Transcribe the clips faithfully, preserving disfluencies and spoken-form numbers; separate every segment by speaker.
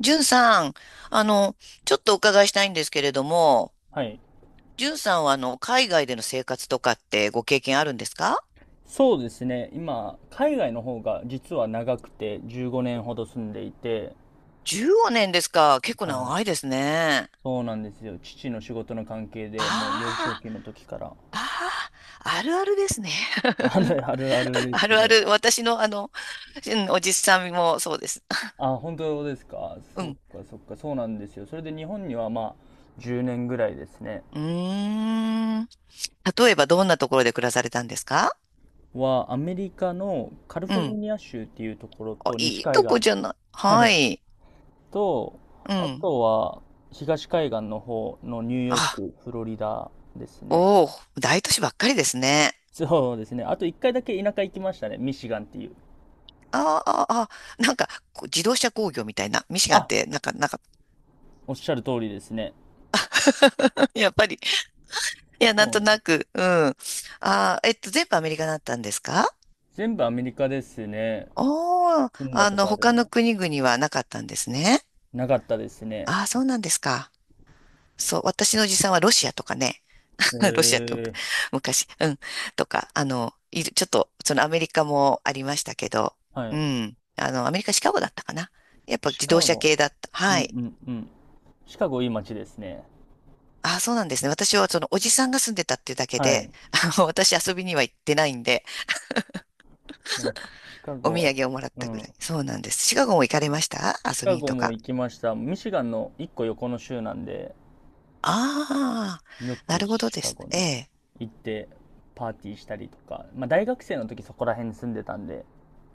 Speaker 1: じゅんさん、あの、ちょっとお伺いしたいんですけれども、
Speaker 2: はい。
Speaker 1: じゅんさんはあの、海外での生活とかってご経験あるんですか？
Speaker 2: そうですね。今、海外の方が実は長くてじゅうごねんほど住んでいて、
Speaker 1: じゅうご 年ですか。結構
Speaker 2: は
Speaker 1: 長い
Speaker 2: い。
Speaker 1: ですね。
Speaker 2: そうなんですよ。父の仕事の関係でもう
Speaker 1: あ
Speaker 2: 幼少期の時から。
Speaker 1: あ、ああ、あるあるですね。
Speaker 2: あ るあるあるで
Speaker 1: あ
Speaker 2: す
Speaker 1: るあ
Speaker 2: ね。
Speaker 1: る。私のあの、うんおじさんもそうです。
Speaker 2: あ、本当ですか。
Speaker 1: う
Speaker 2: そっ
Speaker 1: ん。
Speaker 2: かそっか。そうなんですよ。それで日本にはまあじゅうねんぐらいですね。
Speaker 1: うーん。例えばどんなところで暮らされたんですか？
Speaker 2: はアメリカのカリ
Speaker 1: う
Speaker 2: フォル
Speaker 1: ん。
Speaker 2: ニア州っていうところ
Speaker 1: あ、
Speaker 2: と西
Speaker 1: いい
Speaker 2: 海
Speaker 1: とこ
Speaker 2: 岸。
Speaker 1: じゃない。
Speaker 2: は
Speaker 1: は
Speaker 2: い。
Speaker 1: い。
Speaker 2: と、
Speaker 1: う
Speaker 2: あ
Speaker 1: ん。
Speaker 2: とは東海岸の方のニューヨー
Speaker 1: あ、
Speaker 2: ク、フロリダですね。
Speaker 1: おお、大都市ばっかりですね。
Speaker 2: そうですね。あと一回だけ田舎行きましたね。ミシガンっていう。
Speaker 1: ああ、ああ、なんか、こう自動車工業みたいな。ミシガンっ
Speaker 2: あ、
Speaker 1: て、なんか、なんか、
Speaker 2: おっしゃる通りですね。
Speaker 1: やっぱり、いや、なん
Speaker 2: そう
Speaker 1: と
Speaker 2: なんで
Speaker 1: な
Speaker 2: す。
Speaker 1: く、うん。ああ、えっと、全部アメリカだったんですか？
Speaker 2: 全部アメリカですね。
Speaker 1: おおー、
Speaker 2: 住んだ
Speaker 1: あ
Speaker 2: こ
Speaker 1: の、
Speaker 2: とある
Speaker 1: 他の
Speaker 2: の。
Speaker 1: 国々はなかったんですね。
Speaker 2: なかったですね。
Speaker 1: ああ、そうなんですか。そう、私のおじさんはロシアとかね。
Speaker 2: へ
Speaker 1: ロシアって
Speaker 2: え。
Speaker 1: 昔、うん。とか、あの、いる、ちょっと、そのアメリカもありましたけど、
Speaker 2: は
Speaker 1: う
Speaker 2: い。
Speaker 1: ん。あの、アメリカ、シカゴだったかな。やっぱ
Speaker 2: シ
Speaker 1: 自
Speaker 2: カ
Speaker 1: 動車
Speaker 2: ゴ。
Speaker 1: 系だった。
Speaker 2: う
Speaker 1: は
Speaker 2: ん
Speaker 1: い。
Speaker 2: うんうん。シカゴいい街ですね。
Speaker 1: ああ、そうなんですね。私はそのおじさんが住んでたっていうだけ
Speaker 2: は
Speaker 1: で、
Speaker 2: い。
Speaker 1: あの私遊びには行ってないんで、
Speaker 2: でもシカ
Speaker 1: お
Speaker 2: ゴ
Speaker 1: 土
Speaker 2: は、
Speaker 1: 産をもらっ
Speaker 2: う
Speaker 1: たぐら
Speaker 2: ん。
Speaker 1: い。そうなんです。シカゴも行かれました
Speaker 2: シ
Speaker 1: 遊び
Speaker 2: カ
Speaker 1: に
Speaker 2: ゴ
Speaker 1: と
Speaker 2: も
Speaker 1: か？
Speaker 2: 行きました。ミシガンの一個横の州なんで、
Speaker 1: ああ、
Speaker 2: よ
Speaker 1: な
Speaker 2: く
Speaker 1: るほど
Speaker 2: シ
Speaker 1: で
Speaker 2: カ
Speaker 1: す
Speaker 2: ゴ
Speaker 1: ね。え
Speaker 2: に
Speaker 1: え。
Speaker 2: 行ってパーティーしたりとか、まあ大学生の時そこら辺に住んでたんで、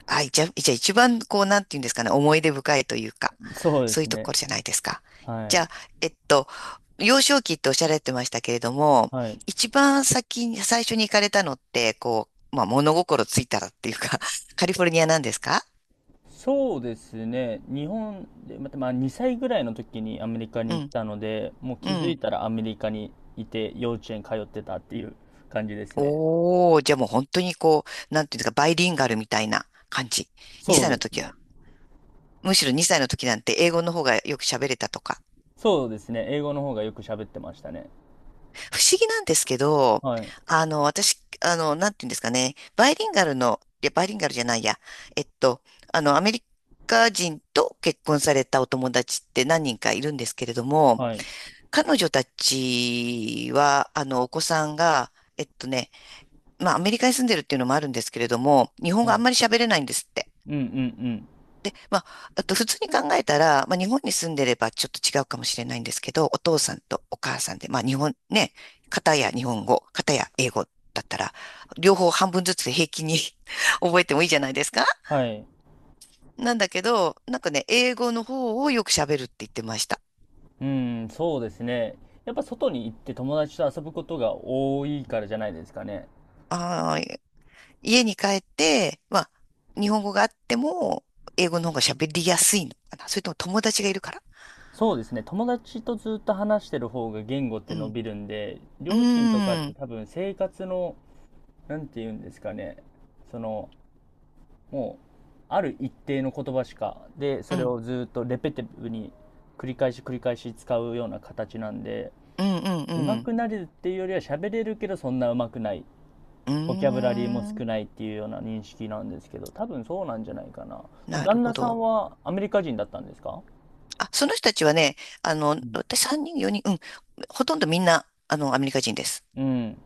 Speaker 1: はい、じゃあ、じゃあ一番こう、なんていうんですかね、思い出深いというか、
Speaker 2: そうで
Speaker 1: そう
Speaker 2: す
Speaker 1: いうと
Speaker 2: ね。
Speaker 1: ころじゃないですか。
Speaker 2: は
Speaker 1: じゃ
Speaker 2: い。
Speaker 1: あ、えっと、幼少期っておっしゃられてましたけれども、
Speaker 2: はい。
Speaker 1: 一番先に、最初に行かれたのって、こう、まあ、物心ついたらっていうか、カリフォルニアなんですか？
Speaker 2: そうですね。日本で、また、まあ、にさいぐらいの時にアメリカに
Speaker 1: う
Speaker 2: 行っ
Speaker 1: ん、
Speaker 2: たので、もう
Speaker 1: う
Speaker 2: 気づい
Speaker 1: ん。
Speaker 2: たらアメリカにいて、幼稚園通ってたっていう感じですね。
Speaker 1: おー、じゃあもう本当にこう、なんていうんですか、バイリンガルみたいな感じ。
Speaker 2: そ
Speaker 1: 2
Speaker 2: う
Speaker 1: 歳
Speaker 2: で
Speaker 1: の
Speaker 2: す
Speaker 1: 時
Speaker 2: ね。
Speaker 1: は。むしろにさいの時なんて英語の方がよく喋れたとか。
Speaker 2: そうですね。英語の方がよく喋ってましたね。
Speaker 1: 不思議なんですけど、
Speaker 2: はい。
Speaker 1: あの、私、あの、なんていうんですかね、バイリンガルの、いや、バイリンガルじゃないや、えっと、あの、アメリカ人と結婚されたお友達って何人かいるんですけれども、
Speaker 2: はい。
Speaker 1: 彼女たちは、あの、お子さんが、えっとね、まあ、アメリカに住んでるっていうのもあるんですけれども、日本語
Speaker 2: は
Speaker 1: あん
Speaker 2: い。
Speaker 1: まり喋れないんですって。
Speaker 2: うんうんうん。
Speaker 1: まあ、あと普通に考えたら、まあ、日本に住んでればちょっと違うかもしれないんですけど、お父さんとお母さんで、まあ日本ね、片や日本語、片や英語だったら、両方半分ずつで平気に 覚えてもいいじゃないですか。
Speaker 2: はい。
Speaker 1: なんだけど、なんかね、英語の方をよく喋るって言ってました。
Speaker 2: うん、そうですね。やっぱ外に行って友達と遊ぶことが多いからじゃないですかね。
Speaker 1: あー、家に帰って、まあ、日本語があっても、英語の方が喋りやすいのかな。それとも友達がいるから。
Speaker 2: そうですね。友達とずっと話してる方が言語っ
Speaker 1: う
Speaker 2: て伸
Speaker 1: ん。
Speaker 2: びるんで、
Speaker 1: う
Speaker 2: 両親とかっ
Speaker 1: ー
Speaker 2: て
Speaker 1: ん。
Speaker 2: 多分生活の、なんて言うんですかね。その、もう、ある一定の言葉しか、で、
Speaker 1: う
Speaker 2: それ
Speaker 1: ん。
Speaker 2: をずっとレペティブに繰り返し繰り返し使うような形なんで、
Speaker 1: うん。うん。
Speaker 2: 上
Speaker 1: う
Speaker 2: 手
Speaker 1: ん。
Speaker 2: くなれるっていうよりは喋れるけどそんな上手くない。
Speaker 1: う
Speaker 2: ボキャブ
Speaker 1: ー
Speaker 2: ラリーも少
Speaker 1: ん。
Speaker 2: ないっていうような認識なんですけど、多分そうなんじゃないかな。その
Speaker 1: なる
Speaker 2: 旦
Speaker 1: ほ
Speaker 2: 那さん
Speaker 1: ど。
Speaker 2: はアメリカ人だったんですか？
Speaker 1: あ、その人たちはね、あの、
Speaker 2: うん
Speaker 1: 私さんにん、よにん、うん、ほとんどみんな、あの、アメリカ人です。
Speaker 2: うん。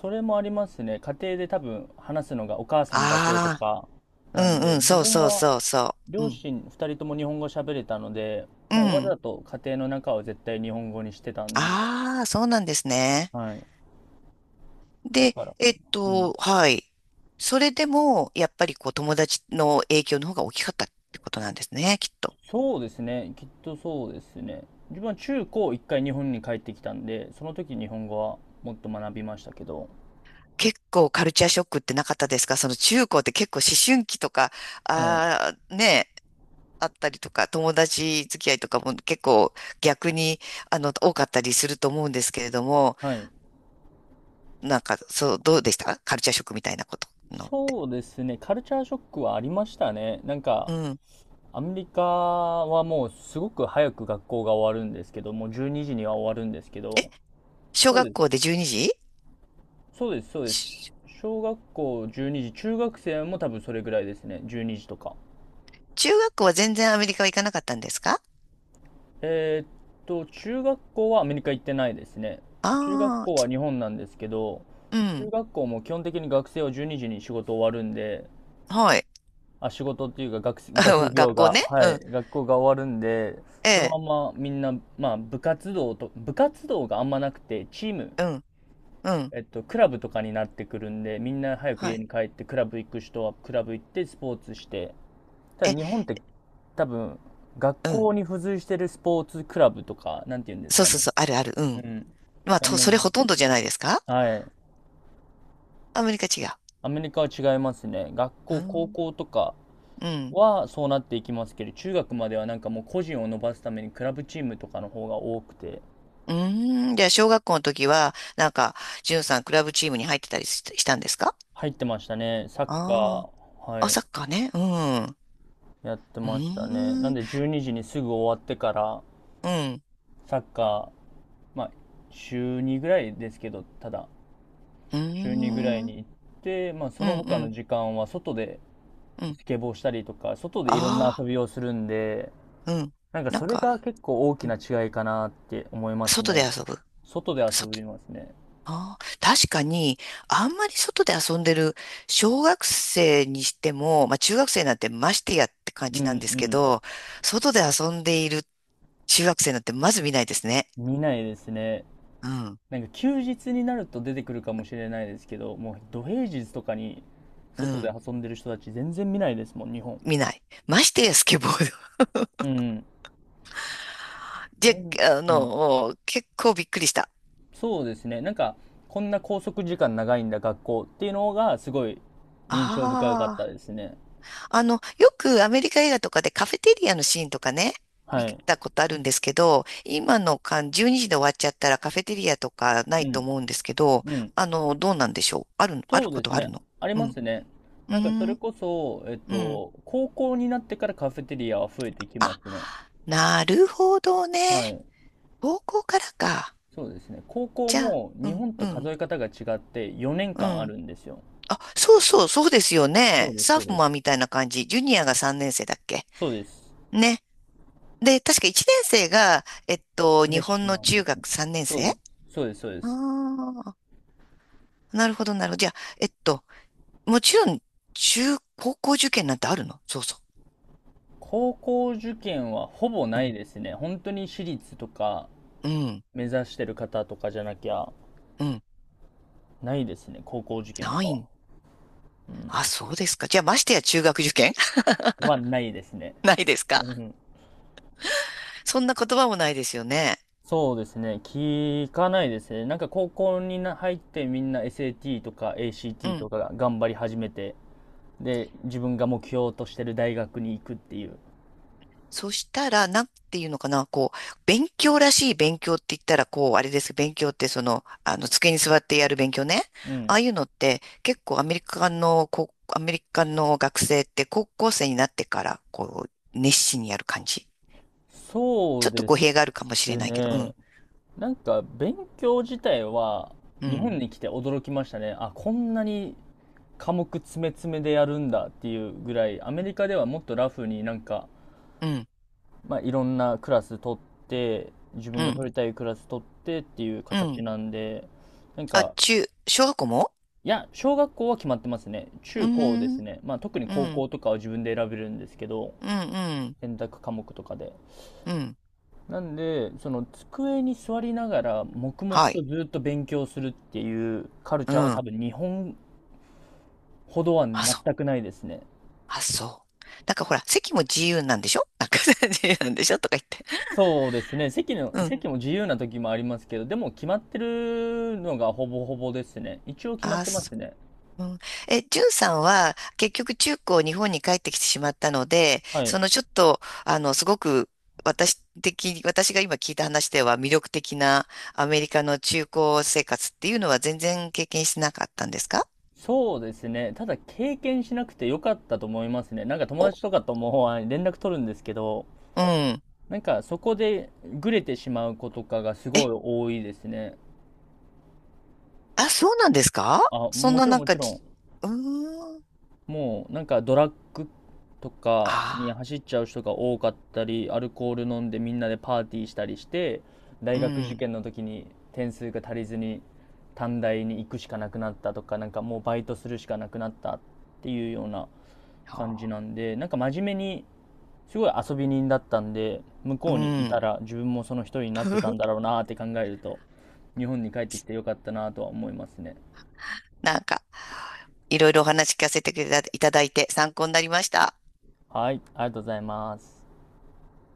Speaker 2: それもありますね。家庭で多分話すのがお母さんだけと
Speaker 1: あ
Speaker 2: か
Speaker 1: あ、う
Speaker 2: なん
Speaker 1: ん
Speaker 2: で、
Speaker 1: うん、
Speaker 2: 自
Speaker 1: そう
Speaker 2: 分
Speaker 1: そう
Speaker 2: は
Speaker 1: そうそう。う
Speaker 2: 両
Speaker 1: ん、
Speaker 2: 親ふたりとも日本語喋れたので、
Speaker 1: う
Speaker 2: もうわ
Speaker 1: ん。
Speaker 2: ざと家庭の中を絶対日本語にしてたんで、
Speaker 1: ああ、そうなんですね。
Speaker 2: はい。だ
Speaker 1: で、
Speaker 2: からか
Speaker 1: え
Speaker 2: な。
Speaker 1: っ
Speaker 2: うん。
Speaker 1: と、はい。それでも、やっぱりこう、友達の影響の方が大きかったってことなんですね、きっと。
Speaker 2: そうですね。きっとそうですね。自分は中高一回日本に帰ってきたんで、その時日本語はもっと学びましたけど、
Speaker 1: 結構カルチャーショックってなかったですか、その中高って結構思春期とか、
Speaker 2: はい。
Speaker 1: ああ、ね、あったりとか、友達付き合いとかも結構逆に、あの、多かったりすると思うんですけれども、
Speaker 2: はい。
Speaker 1: なんか、そう、どうでしたカルチャーショックみたいなことのって。
Speaker 2: そうですね。カルチャーショックはありましたね。なんか、
Speaker 1: うん。
Speaker 2: アメリカはもうすごく早く学校が終わるんですけど、もうじゅうにじにじには終わるんですけ
Speaker 1: え、
Speaker 2: ど、
Speaker 1: 小
Speaker 2: そう
Speaker 1: 学
Speaker 2: で
Speaker 1: 校
Speaker 2: す。
Speaker 1: でじゅうにじ
Speaker 2: そうです、そうです。
Speaker 1: ち、
Speaker 2: 小学校じゅうにじ、中学生も多分それぐらいですね。じゅうにじとか。
Speaker 1: 中学校は全然アメリカは行かなかったんですか？
Speaker 2: えーっと、中学校はアメリカ行ってないですね。中学
Speaker 1: あ
Speaker 2: 校
Speaker 1: あ
Speaker 2: は日本なんですけど、
Speaker 1: ー、う
Speaker 2: 中
Speaker 1: ん。
Speaker 2: 学校も基本的に学生はじゅうにじにじに仕事終わるんで、
Speaker 1: はい。
Speaker 2: あ、仕事っていうか学、学 業
Speaker 1: 学校
Speaker 2: が、
Speaker 1: ね。
Speaker 2: は
Speaker 1: う
Speaker 2: い、
Speaker 1: ん。
Speaker 2: 学校が終わるんで、
Speaker 1: え
Speaker 2: そのま
Speaker 1: え、
Speaker 2: まみんな、まあ、部活動と、部活動があんまなくて、チーム、
Speaker 1: うん、うん。
Speaker 2: えっと、クラブとかになってくるんで、みんな早く
Speaker 1: は
Speaker 2: 家
Speaker 1: い。
Speaker 2: に帰って、クラブ行く人はクラブ行って、スポーツして、ただ
Speaker 1: え、
Speaker 2: 日本って多分、学
Speaker 1: うん。
Speaker 2: 校に付随してるスポーツクラブとか、なんて言うんです
Speaker 1: そう
Speaker 2: か
Speaker 1: そう
Speaker 2: ね。
Speaker 1: そう、あるある。う
Speaker 2: う
Speaker 1: ん。
Speaker 2: ん。
Speaker 1: まあ、
Speaker 2: が
Speaker 1: と、
Speaker 2: メ
Speaker 1: そ
Speaker 2: イ
Speaker 1: れ
Speaker 2: ン。
Speaker 1: ほとんどじゃないですか？
Speaker 2: はい。
Speaker 1: アメリカ違う。
Speaker 2: アメリカは違いますね。学
Speaker 1: う
Speaker 2: 校、高
Speaker 1: ん。
Speaker 2: 校とか、
Speaker 1: うん。
Speaker 2: はそうなっていきますけど、中学まではなんかもう個人を伸ばすためにクラブチームとかの方が多くて、
Speaker 1: うーん。じゃあ、小学校の時は、なんか、じゅんさん、クラブチームに入ってたりし、したんですか？
Speaker 2: 入ってましたね。サッカ
Speaker 1: ああ
Speaker 2: ー、
Speaker 1: ー。
Speaker 2: は
Speaker 1: あ、
Speaker 2: い、
Speaker 1: サッカーね。うん。
Speaker 2: やって
Speaker 1: う
Speaker 2: ましたね。な
Speaker 1: ー
Speaker 2: ん
Speaker 1: ん。
Speaker 2: でじゅうにじにじにすぐ終わってから、
Speaker 1: うん。
Speaker 2: サッカー、まあ、週にぐらいですけど、ただ、
Speaker 1: うー
Speaker 2: 週にぐらい
Speaker 1: ん。
Speaker 2: に行って、まあ、そ
Speaker 1: うん。
Speaker 2: の
Speaker 1: う
Speaker 2: 他の
Speaker 1: ん。
Speaker 2: 時間は外で
Speaker 1: うん。
Speaker 2: スケボーしたりとか、外でいろんな
Speaker 1: あ
Speaker 2: 遊びをするんで、
Speaker 1: あ。うん。
Speaker 2: なんか
Speaker 1: なん
Speaker 2: それ
Speaker 1: か、
Speaker 2: が結構大き
Speaker 1: うん
Speaker 2: な違いかなって思います
Speaker 1: 外で
Speaker 2: ね。
Speaker 1: 遊ぶ。
Speaker 2: 外で遊
Speaker 1: 外。
Speaker 2: びますね。
Speaker 1: ああ。確かに、あんまり外で遊んでる、小学生にしても、まあ、中学生なんてましてやって感
Speaker 2: うん
Speaker 1: じ
Speaker 2: う
Speaker 1: なんですけ
Speaker 2: ん。
Speaker 1: ど、外で遊んでいる中学生なんてまず見ないですね。
Speaker 2: 見ないですね。
Speaker 1: うん。
Speaker 2: なんか休日になると出てくるかもしれないですけど、もう土平日とかに
Speaker 1: う
Speaker 2: 外で
Speaker 1: ん。
Speaker 2: 遊んでる人たち全然見ないですもん、日本。
Speaker 1: 見ない。ましてやスケボー。
Speaker 2: うん。な
Speaker 1: で、
Speaker 2: んで、
Speaker 1: あ
Speaker 2: うん。
Speaker 1: の、結構びっくりした。
Speaker 2: そうですね。なんか、こんな拘束時間長いんだ、学校っていうのがすごい印象深かった
Speaker 1: あ
Speaker 2: ですね。
Speaker 1: あ、あの、よくアメリカ映画とかでカフェテリアのシーンとかね、見
Speaker 2: はい。
Speaker 1: たことあるんですけど、今の間、じゅうにじで終わっちゃったらカフェテリアとかな
Speaker 2: う
Speaker 1: いと
Speaker 2: ん。
Speaker 1: 思うんですけど、
Speaker 2: うん。
Speaker 1: あの、どうなんでしょう。ある、ある
Speaker 2: そう
Speaker 1: こ
Speaker 2: で
Speaker 1: と
Speaker 2: す
Speaker 1: はある
Speaker 2: ね。
Speaker 1: の？
Speaker 2: あり
Speaker 1: う
Speaker 2: ま
Speaker 1: ん。
Speaker 2: すね。
Speaker 1: う
Speaker 2: なんかそ
Speaker 1: ー
Speaker 2: れ
Speaker 1: ん、
Speaker 2: こそ、えっ
Speaker 1: うん。
Speaker 2: と、高校になってからカフェテリアは増えてきま
Speaker 1: あ、
Speaker 2: すね。
Speaker 1: なるほどね。
Speaker 2: はい。
Speaker 1: 高校からか。
Speaker 2: そうですね。高校
Speaker 1: じゃあ、
Speaker 2: も
Speaker 1: う
Speaker 2: 日
Speaker 1: ん、
Speaker 2: 本と
Speaker 1: う
Speaker 2: 数
Speaker 1: ん、
Speaker 2: え方が違って4
Speaker 1: う
Speaker 2: 年間あ
Speaker 1: ん。
Speaker 2: るんですよ。
Speaker 1: あ、そうそう、そうですよ
Speaker 2: そ
Speaker 1: ね。
Speaker 2: うです、
Speaker 1: サー
Speaker 2: そう
Speaker 1: フ
Speaker 2: で
Speaker 1: マン
Speaker 2: す。
Speaker 1: みたいな感じ。ジュニアがさんねん生だっけ
Speaker 2: そうです。
Speaker 1: ね。で、確かいちねん生が、えっと、
Speaker 2: フレ
Speaker 1: 日
Speaker 2: ッシ
Speaker 1: 本
Speaker 2: ュ
Speaker 1: の
Speaker 2: マンで
Speaker 1: 中
Speaker 2: すね。
Speaker 1: 学さんねん
Speaker 2: そう
Speaker 1: 生。
Speaker 2: で
Speaker 1: あ
Speaker 2: す。そうです、そうです。
Speaker 1: あー、なるほど、なるほど。じゃあ、えっと、もちろん、中、高校受験なんてあるの？そうそ
Speaker 2: 高校受験はほぼ
Speaker 1: う。う
Speaker 2: ない
Speaker 1: ん、
Speaker 2: ですね。本当に私立とか
Speaker 1: うん、
Speaker 2: 目指してる方とかじゃなきゃ
Speaker 1: うん。
Speaker 2: ないですね。高校受験と
Speaker 1: な
Speaker 2: か
Speaker 1: い
Speaker 2: は。
Speaker 1: ん。
Speaker 2: うん。
Speaker 1: あ、そうですか。じゃあ、ましてや中学受験
Speaker 2: はないですね。
Speaker 1: ないです
Speaker 2: う
Speaker 1: か？
Speaker 2: ん。
Speaker 1: そんな言葉もないですよね。
Speaker 2: そうですね。聞かないですね。なんか高校にな入ってみんな エスエーティー とか
Speaker 1: う
Speaker 2: エーシーティー と
Speaker 1: ん。
Speaker 2: かが頑張り始めて、で、自分が目標としてる大学に行くっていう。
Speaker 1: そしたら、なんていうのかな、こう、勉強らしい勉強って言ったら、こう、あれですけど。勉強って、その、あの、机に座ってやる勉強ね。
Speaker 2: う
Speaker 1: あ
Speaker 2: ん。
Speaker 1: あいうのって、結構アメリカの、こう、アメリカの学生って高校生になってから、こう、熱心にやる感じ。
Speaker 2: そ
Speaker 1: ちょ
Speaker 2: う
Speaker 1: っと
Speaker 2: で
Speaker 1: 語
Speaker 2: す
Speaker 1: 弊があるかもしれないけど、う
Speaker 2: ね。
Speaker 1: ん、
Speaker 2: なんか、勉強自体は、
Speaker 1: う
Speaker 2: 日
Speaker 1: ん、
Speaker 2: 本に来て驚きましたね。あ、こんなに科目詰め詰めでやるんだっていうぐらい、アメリカではもっとラフになんか、
Speaker 1: うん、
Speaker 2: まあ、いろんなクラス取って、自
Speaker 1: う
Speaker 2: 分が
Speaker 1: ん、
Speaker 2: 取りたいクラス取ってっていう
Speaker 1: う
Speaker 2: 形
Speaker 1: ん。
Speaker 2: なんで、なん
Speaker 1: あ、
Speaker 2: か、
Speaker 1: 中、小学校も。
Speaker 2: いや、小学校は決まってますね。
Speaker 1: うー
Speaker 2: 中高で
Speaker 1: ん、う
Speaker 2: す
Speaker 1: ん、
Speaker 2: ね。まあ、特に
Speaker 1: う
Speaker 2: 高
Speaker 1: ん、
Speaker 2: 校とかは自分で選べるんですけど、
Speaker 1: うん、
Speaker 2: 選択科目とかで。
Speaker 1: うん。
Speaker 2: なんで、その机に座りながら黙々
Speaker 1: は
Speaker 2: と
Speaker 1: い。
Speaker 2: ずっと勉強するっていうカル
Speaker 1: う
Speaker 2: チャーは多
Speaker 1: ん。
Speaker 2: 分日本ほどは
Speaker 1: あ、
Speaker 2: 全
Speaker 1: そ、
Speaker 2: くないですね。
Speaker 1: あ、そう。なんかほら、席も自由なんでしょ、なんか 自由なんでしょとか言って。
Speaker 2: そうですね。席の、
Speaker 1: うん。
Speaker 2: 席も自由な時もありますけど、でも決まってるのがほぼほぼですね。一応決まっ
Speaker 1: あ、
Speaker 2: てま
Speaker 1: そう。
Speaker 2: すね。
Speaker 1: うん、え、ジュンさんは結局中高日本に帰ってきてしまったので、
Speaker 2: は
Speaker 1: そ
Speaker 2: い。
Speaker 1: のちょっと、あの、すごく私的、私が今聞いた話では魅力的なアメリカの中高生活っていうのは全然経験してなかったんですか？
Speaker 2: そうですね。ただ経験しなくてよかったと思いますね。なんか友
Speaker 1: お、
Speaker 2: 達とかともあ連絡取るんですけど、
Speaker 1: うん。
Speaker 2: なんかそこでぐれてしまう子とかがす
Speaker 1: え、
Speaker 2: ごい多いですね。
Speaker 1: あ、そうなんですか？
Speaker 2: あ、
Speaker 1: そん
Speaker 2: も
Speaker 1: な
Speaker 2: ちろん
Speaker 1: なん
Speaker 2: も
Speaker 1: か
Speaker 2: ちろ
Speaker 1: じ、
Speaker 2: ん。
Speaker 1: うーん。
Speaker 2: もうなんかドラッグとかに
Speaker 1: あ
Speaker 2: 走っちゃう人が多かったり、アルコール飲んでみんなでパーティーしたりして、大
Speaker 1: あ、う
Speaker 2: 学受
Speaker 1: ん。
Speaker 2: 験の時に点数が足りずに短大に行くしかなくなったとか、なんかもうバイトするしかなくなったっていうような感じな
Speaker 1: あ
Speaker 2: んで、なんか真面目にすごい遊び人だったんで、向
Speaker 1: ー、う
Speaker 2: こうにい
Speaker 1: ん。
Speaker 2: たら自分もその一人になってたんだ ろうなーって考えると、日本に帰ってきてよかったなとは思いますね。
Speaker 1: なんか、いろいろお話聞かせていただいて参考になりました。
Speaker 2: はい、ありがとうございます。